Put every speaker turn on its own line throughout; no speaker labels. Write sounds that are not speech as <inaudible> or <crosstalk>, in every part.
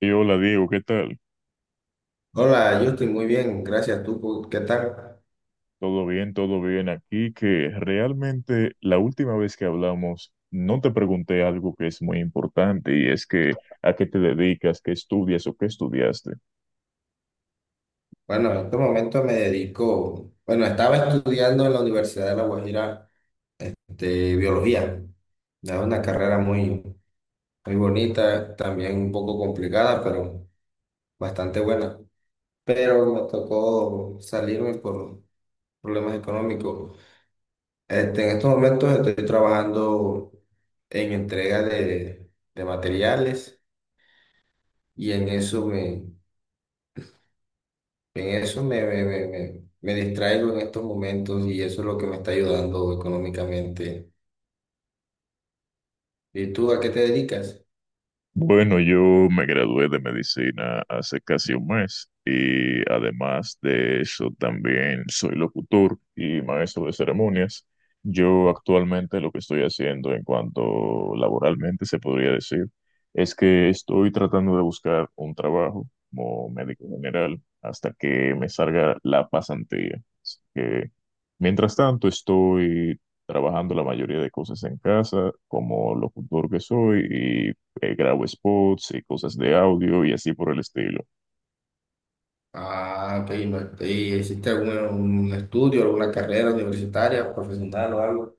Y hola Diego, ¿qué tal?
Hola, yo estoy muy bien, gracias. ¿Tú qué tal?
Todo bien aquí, que realmente la última vez que hablamos no te pregunté algo que es muy importante y es que a qué te dedicas, qué estudias o qué estudiaste.
Bueno, en este momento me dedico, bueno, estaba estudiando en la Universidad de La Guajira, de biología. Es una carrera muy, muy bonita, también un poco complicada, pero bastante buena. Pero me tocó salirme por problemas económicos. En estos momentos estoy trabajando en entrega de materiales y en eso me distraigo en estos momentos y eso es lo que me está ayudando económicamente. ¿Y tú a qué te dedicas?
Bueno, yo me gradué de medicina hace casi un mes y además de eso también soy locutor y maestro de ceremonias. Yo actualmente lo que estoy haciendo en cuanto laboralmente se podría decir es que estoy tratando de buscar un trabajo como médico general hasta que me salga la pasantía. Mientras tanto, estoy trabajando la mayoría de cosas en casa, como locutor que soy, y grabo spots y cosas de audio y así por el estilo.
Ah, ok, no- ¿y hiciste algún un estudio, alguna carrera universitaria, profesional o algo?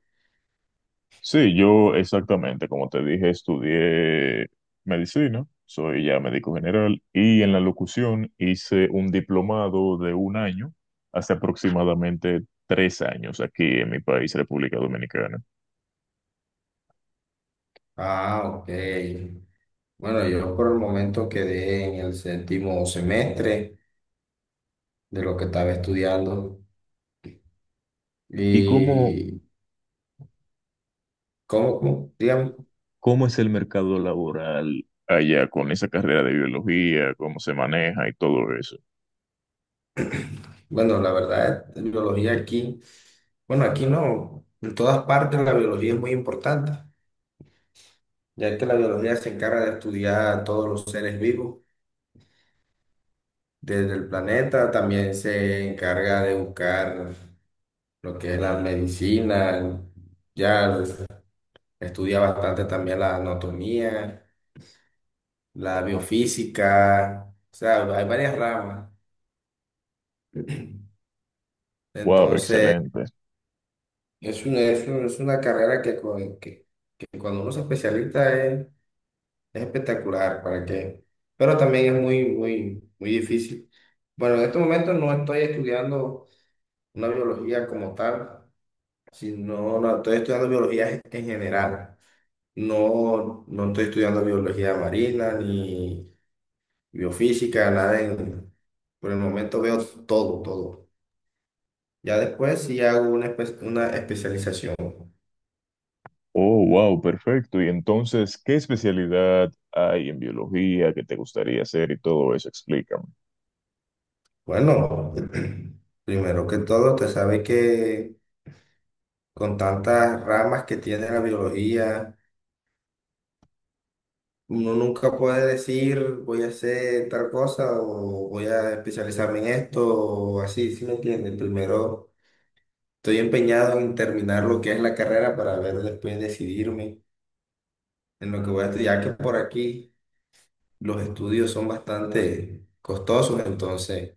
Sí, yo exactamente, como te dije, estudié medicina, soy ya médico general, y en la locución hice un diplomado de un año, hace aproximadamente 3 años aquí en mi país, República Dominicana.
Ah, ok. Bueno, yo por el momento quedé en el séptimo semestre de lo que estaba estudiando.
¿Y cómo
¿Y cómo, cómo? Dígame.
¿Cómo es el mercado laboral allá con esa carrera de biología? ¿Cómo se maneja y todo eso?
Bueno, la verdad, la biología aquí, bueno, aquí no, en todas partes la biología es muy importante, ya que la biología se encarga de estudiar a todos los seres vivos desde el planeta, también se encarga de buscar lo que es la medicina, ya estudia bastante también la anatomía, la biofísica, o sea, hay varias ramas.
Wow,
Entonces,
excelente.
es una carrera que cuando uno se especializa es... Es espectacular, ¿para qué? Pero también es muy, muy, muy difícil. Bueno, en este momento no estoy estudiando una biología como tal, sino no, estoy estudiando biología en general. No, no estoy estudiando biología marina ni biofísica, nada en-... Por el momento veo todo, todo. Ya después sí hago una especialización.
Oh, wow, perfecto. Y entonces, ¿qué especialidad hay en biología que te gustaría hacer y todo eso? Explícame.
Bueno, <clears throat> primero que todo, te sabe que con tantas ramas que tiene la biología, uno nunca puede decir voy a hacer tal cosa o voy a especializarme en esto o así, ¿sí me entienden? Primero estoy empeñado en terminar lo que es la carrera para ver después decidirme en lo que voy a estudiar, ya que por aquí los estudios son bastante costosos, entonces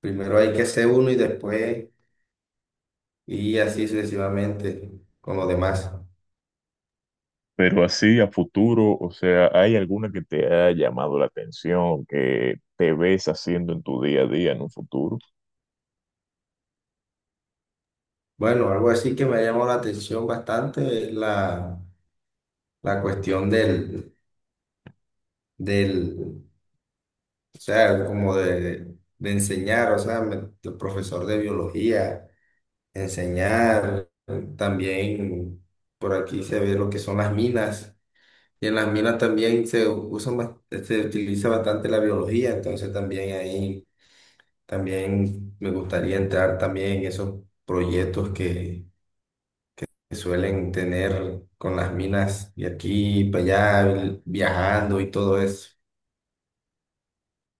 primero hay que hacer uno y después, y así sucesivamente con los demás.
Pero así a futuro, o sea, ¿hay alguna que te ha llamado la atención, que te ves haciendo en tu día a día en un futuro?
Bueno, algo así que me ha llamado la atención bastante es la cuestión del o sea, como de enseñar, o sea, me- el profesor de biología, enseñar, también por aquí se ve lo que son las minas, y en las minas también se usan, bas- se utiliza bastante la biología, entonces también ahí, también me gustaría entrar también en esos proyectos que suelen tener con las minas, y aquí, para allá, el- viajando y todo eso.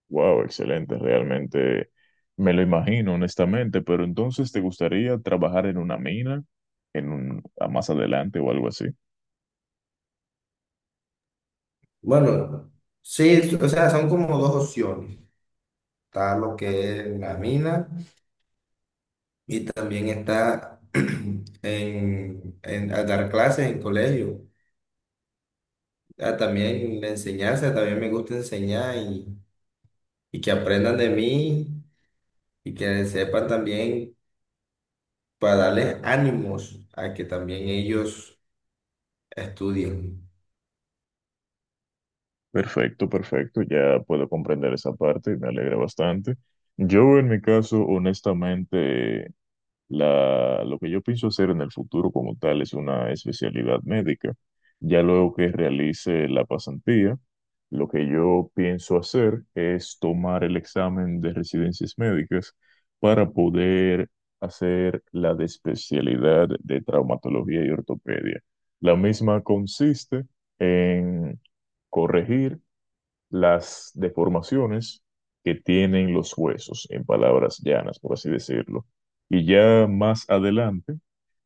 Wow, excelente, realmente me lo imagino, honestamente, pero entonces ¿te gustaría trabajar en una mina, en un, a más adelante o algo así?
Bueno, sí, o sea, son como dos opciones. Está lo que es la mina y también está <clears throat> a dar clases en colegio. Ah, también la enseñanza, también me gusta enseñar y que aprendan de mí y que sepan también para darles ánimos a que también ellos estudien.
Perfecto, perfecto, ya puedo comprender esa parte, me alegra bastante. Yo en mi caso, honestamente, lo que yo pienso hacer en el futuro como tal es una especialidad médica. Ya luego que realice la pasantía, lo que yo pienso hacer es tomar el examen de residencias médicas para poder hacer la de especialidad de traumatología y ortopedia. La misma consiste en corregir las deformaciones que tienen los huesos, en palabras llanas, por así decirlo. Y ya más adelante,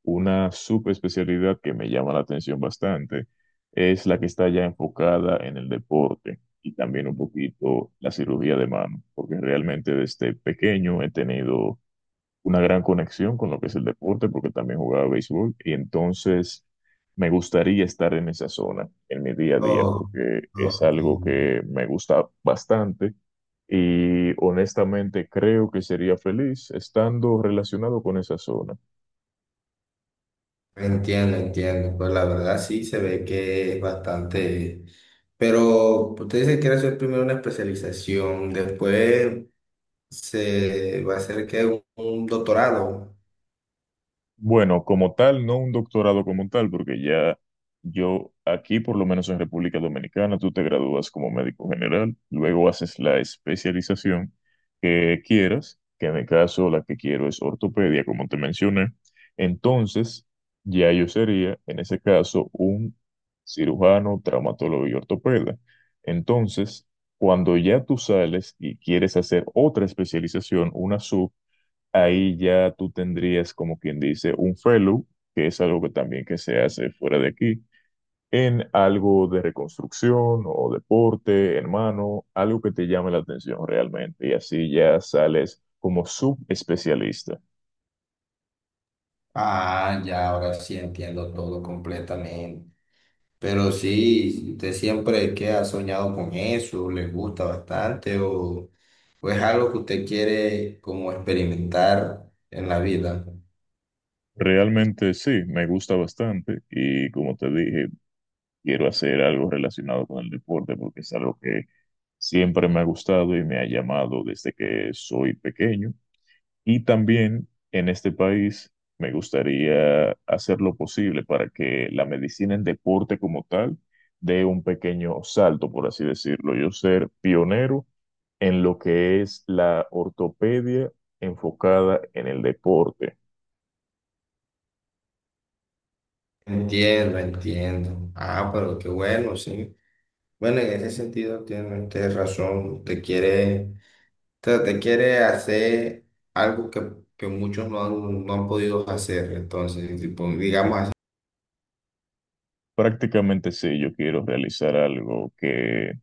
una subespecialidad que me llama la atención bastante es la que está ya enfocada en el deporte y también un poquito la cirugía de mano, porque realmente desde pequeño he tenido una gran conexión con lo que es el deporte, porque también jugaba béisbol, y entonces me gustaría estar en esa zona en mi día a día,
Oh,
porque
oh,
es
ok.
algo que me gusta bastante y honestamente creo que sería feliz estando relacionado con esa zona.
Entiendo, entiendo. Pues la verdad sí se ve que es bastante... Pero usted dice que quiere hacer primero una especialización, después se va a hacer un doctorado.
Bueno, como tal, no un doctorado como tal, porque ya yo aquí, por lo menos en República Dominicana, tú te gradúas como médico general, luego haces la especialización que quieras, que en mi caso la que quiero es ortopedia, como te mencioné. Entonces, ya yo sería, en ese caso, un cirujano, traumatólogo y ortopeda. Entonces, cuando ya tú sales y quieres hacer otra especialización, una sub, ahí ya tú tendrías, como quien dice, un fellow, que es algo que también que se hace fuera de aquí, en algo de reconstrucción o deporte, hermano, algo que te llame la atención realmente, y así ya sales como subespecialista.
Ah, ya, ahora sí entiendo todo completamente. Pero sí, usted siempre que ha soñado con eso, le gusta bastante o es algo que usted quiere como experimentar en la vida.
Realmente sí, me gusta bastante y como te dije, quiero hacer algo relacionado con el deporte porque es algo que siempre me ha gustado y me ha llamado desde que soy pequeño. Y también en este país me gustaría hacer lo posible para que la medicina en deporte como tal dé un pequeño salto, por así decirlo. Yo ser pionero en lo que es la ortopedia enfocada en el deporte.
Entiendo, entiendo. Ah, pero qué bueno, sí. Bueno, en ese sentido tiene usted razón. Usted quiere sea, te quiere hacer algo que muchos no han podido hacer. Entonces, tipo, digamos así.
Prácticamente sí, yo quiero realizar algo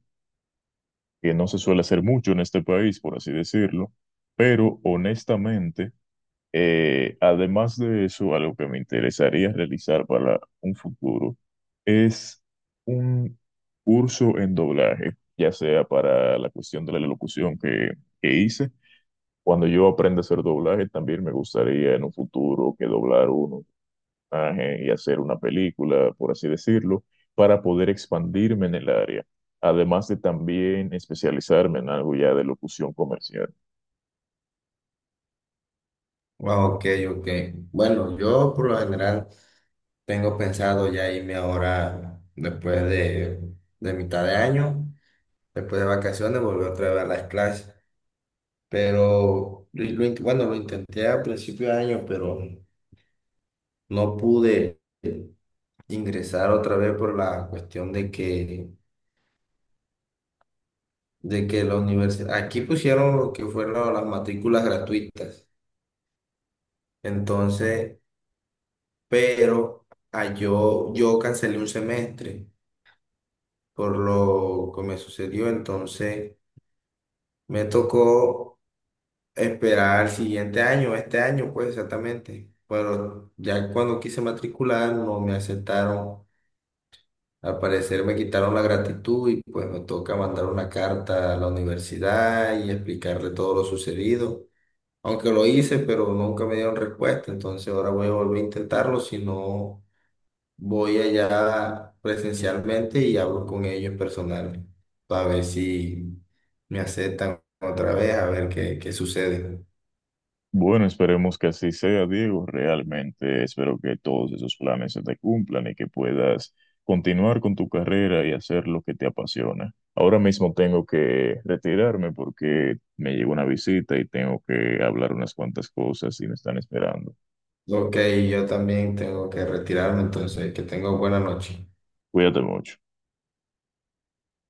que no se suele hacer mucho en este país, por así decirlo, pero honestamente. Además de eso, algo que me interesaría realizar para un futuro es un curso en doblaje, ya sea para la cuestión de la locución que hice. Cuando yo aprenda a hacer doblaje, también me gustaría en un futuro que doblar un personaje y hacer una película, por así decirlo, para poder expandirme en el área. Además de también especializarme en algo ya de locución comercial.
Ah, ok, ok. Bueno, yo por lo general tengo pensado ya irme ahora después de mitad de año, después de vacaciones, volver otra vez a las clases. Pero, lo in- bueno, lo intenté a principio de año, pero no pude ingresar otra vez por la cuestión de que la universidad, aquí pusieron lo que fueron las matrículas gratuitas, entonces, pero yo cancelé un semestre por lo que me sucedió, entonces me tocó esperar el siguiente año, este año pues exactamente, pero ya cuando quise matricular no me aceptaron. Al parecer me quitaron la gratitud y pues me toca mandar una carta a la universidad y explicarle todo lo sucedido, aunque lo hice, pero nunca me dieron respuesta, entonces ahora voy a volver a intentarlo, si no voy allá presencialmente y hablo con ellos personal, para ver si me aceptan otra vez, a ver qué sucede.
Bueno, esperemos que así sea, Diego. Realmente espero que todos esos planes se te cumplan y que puedas continuar con tu carrera y hacer lo que te apasiona. Ahora mismo tengo que retirarme porque me llegó una visita y tengo que hablar unas cuantas cosas y me están esperando.
Ok, yo también tengo que retirarme, entonces que tengo buena noche.
Cuídate mucho.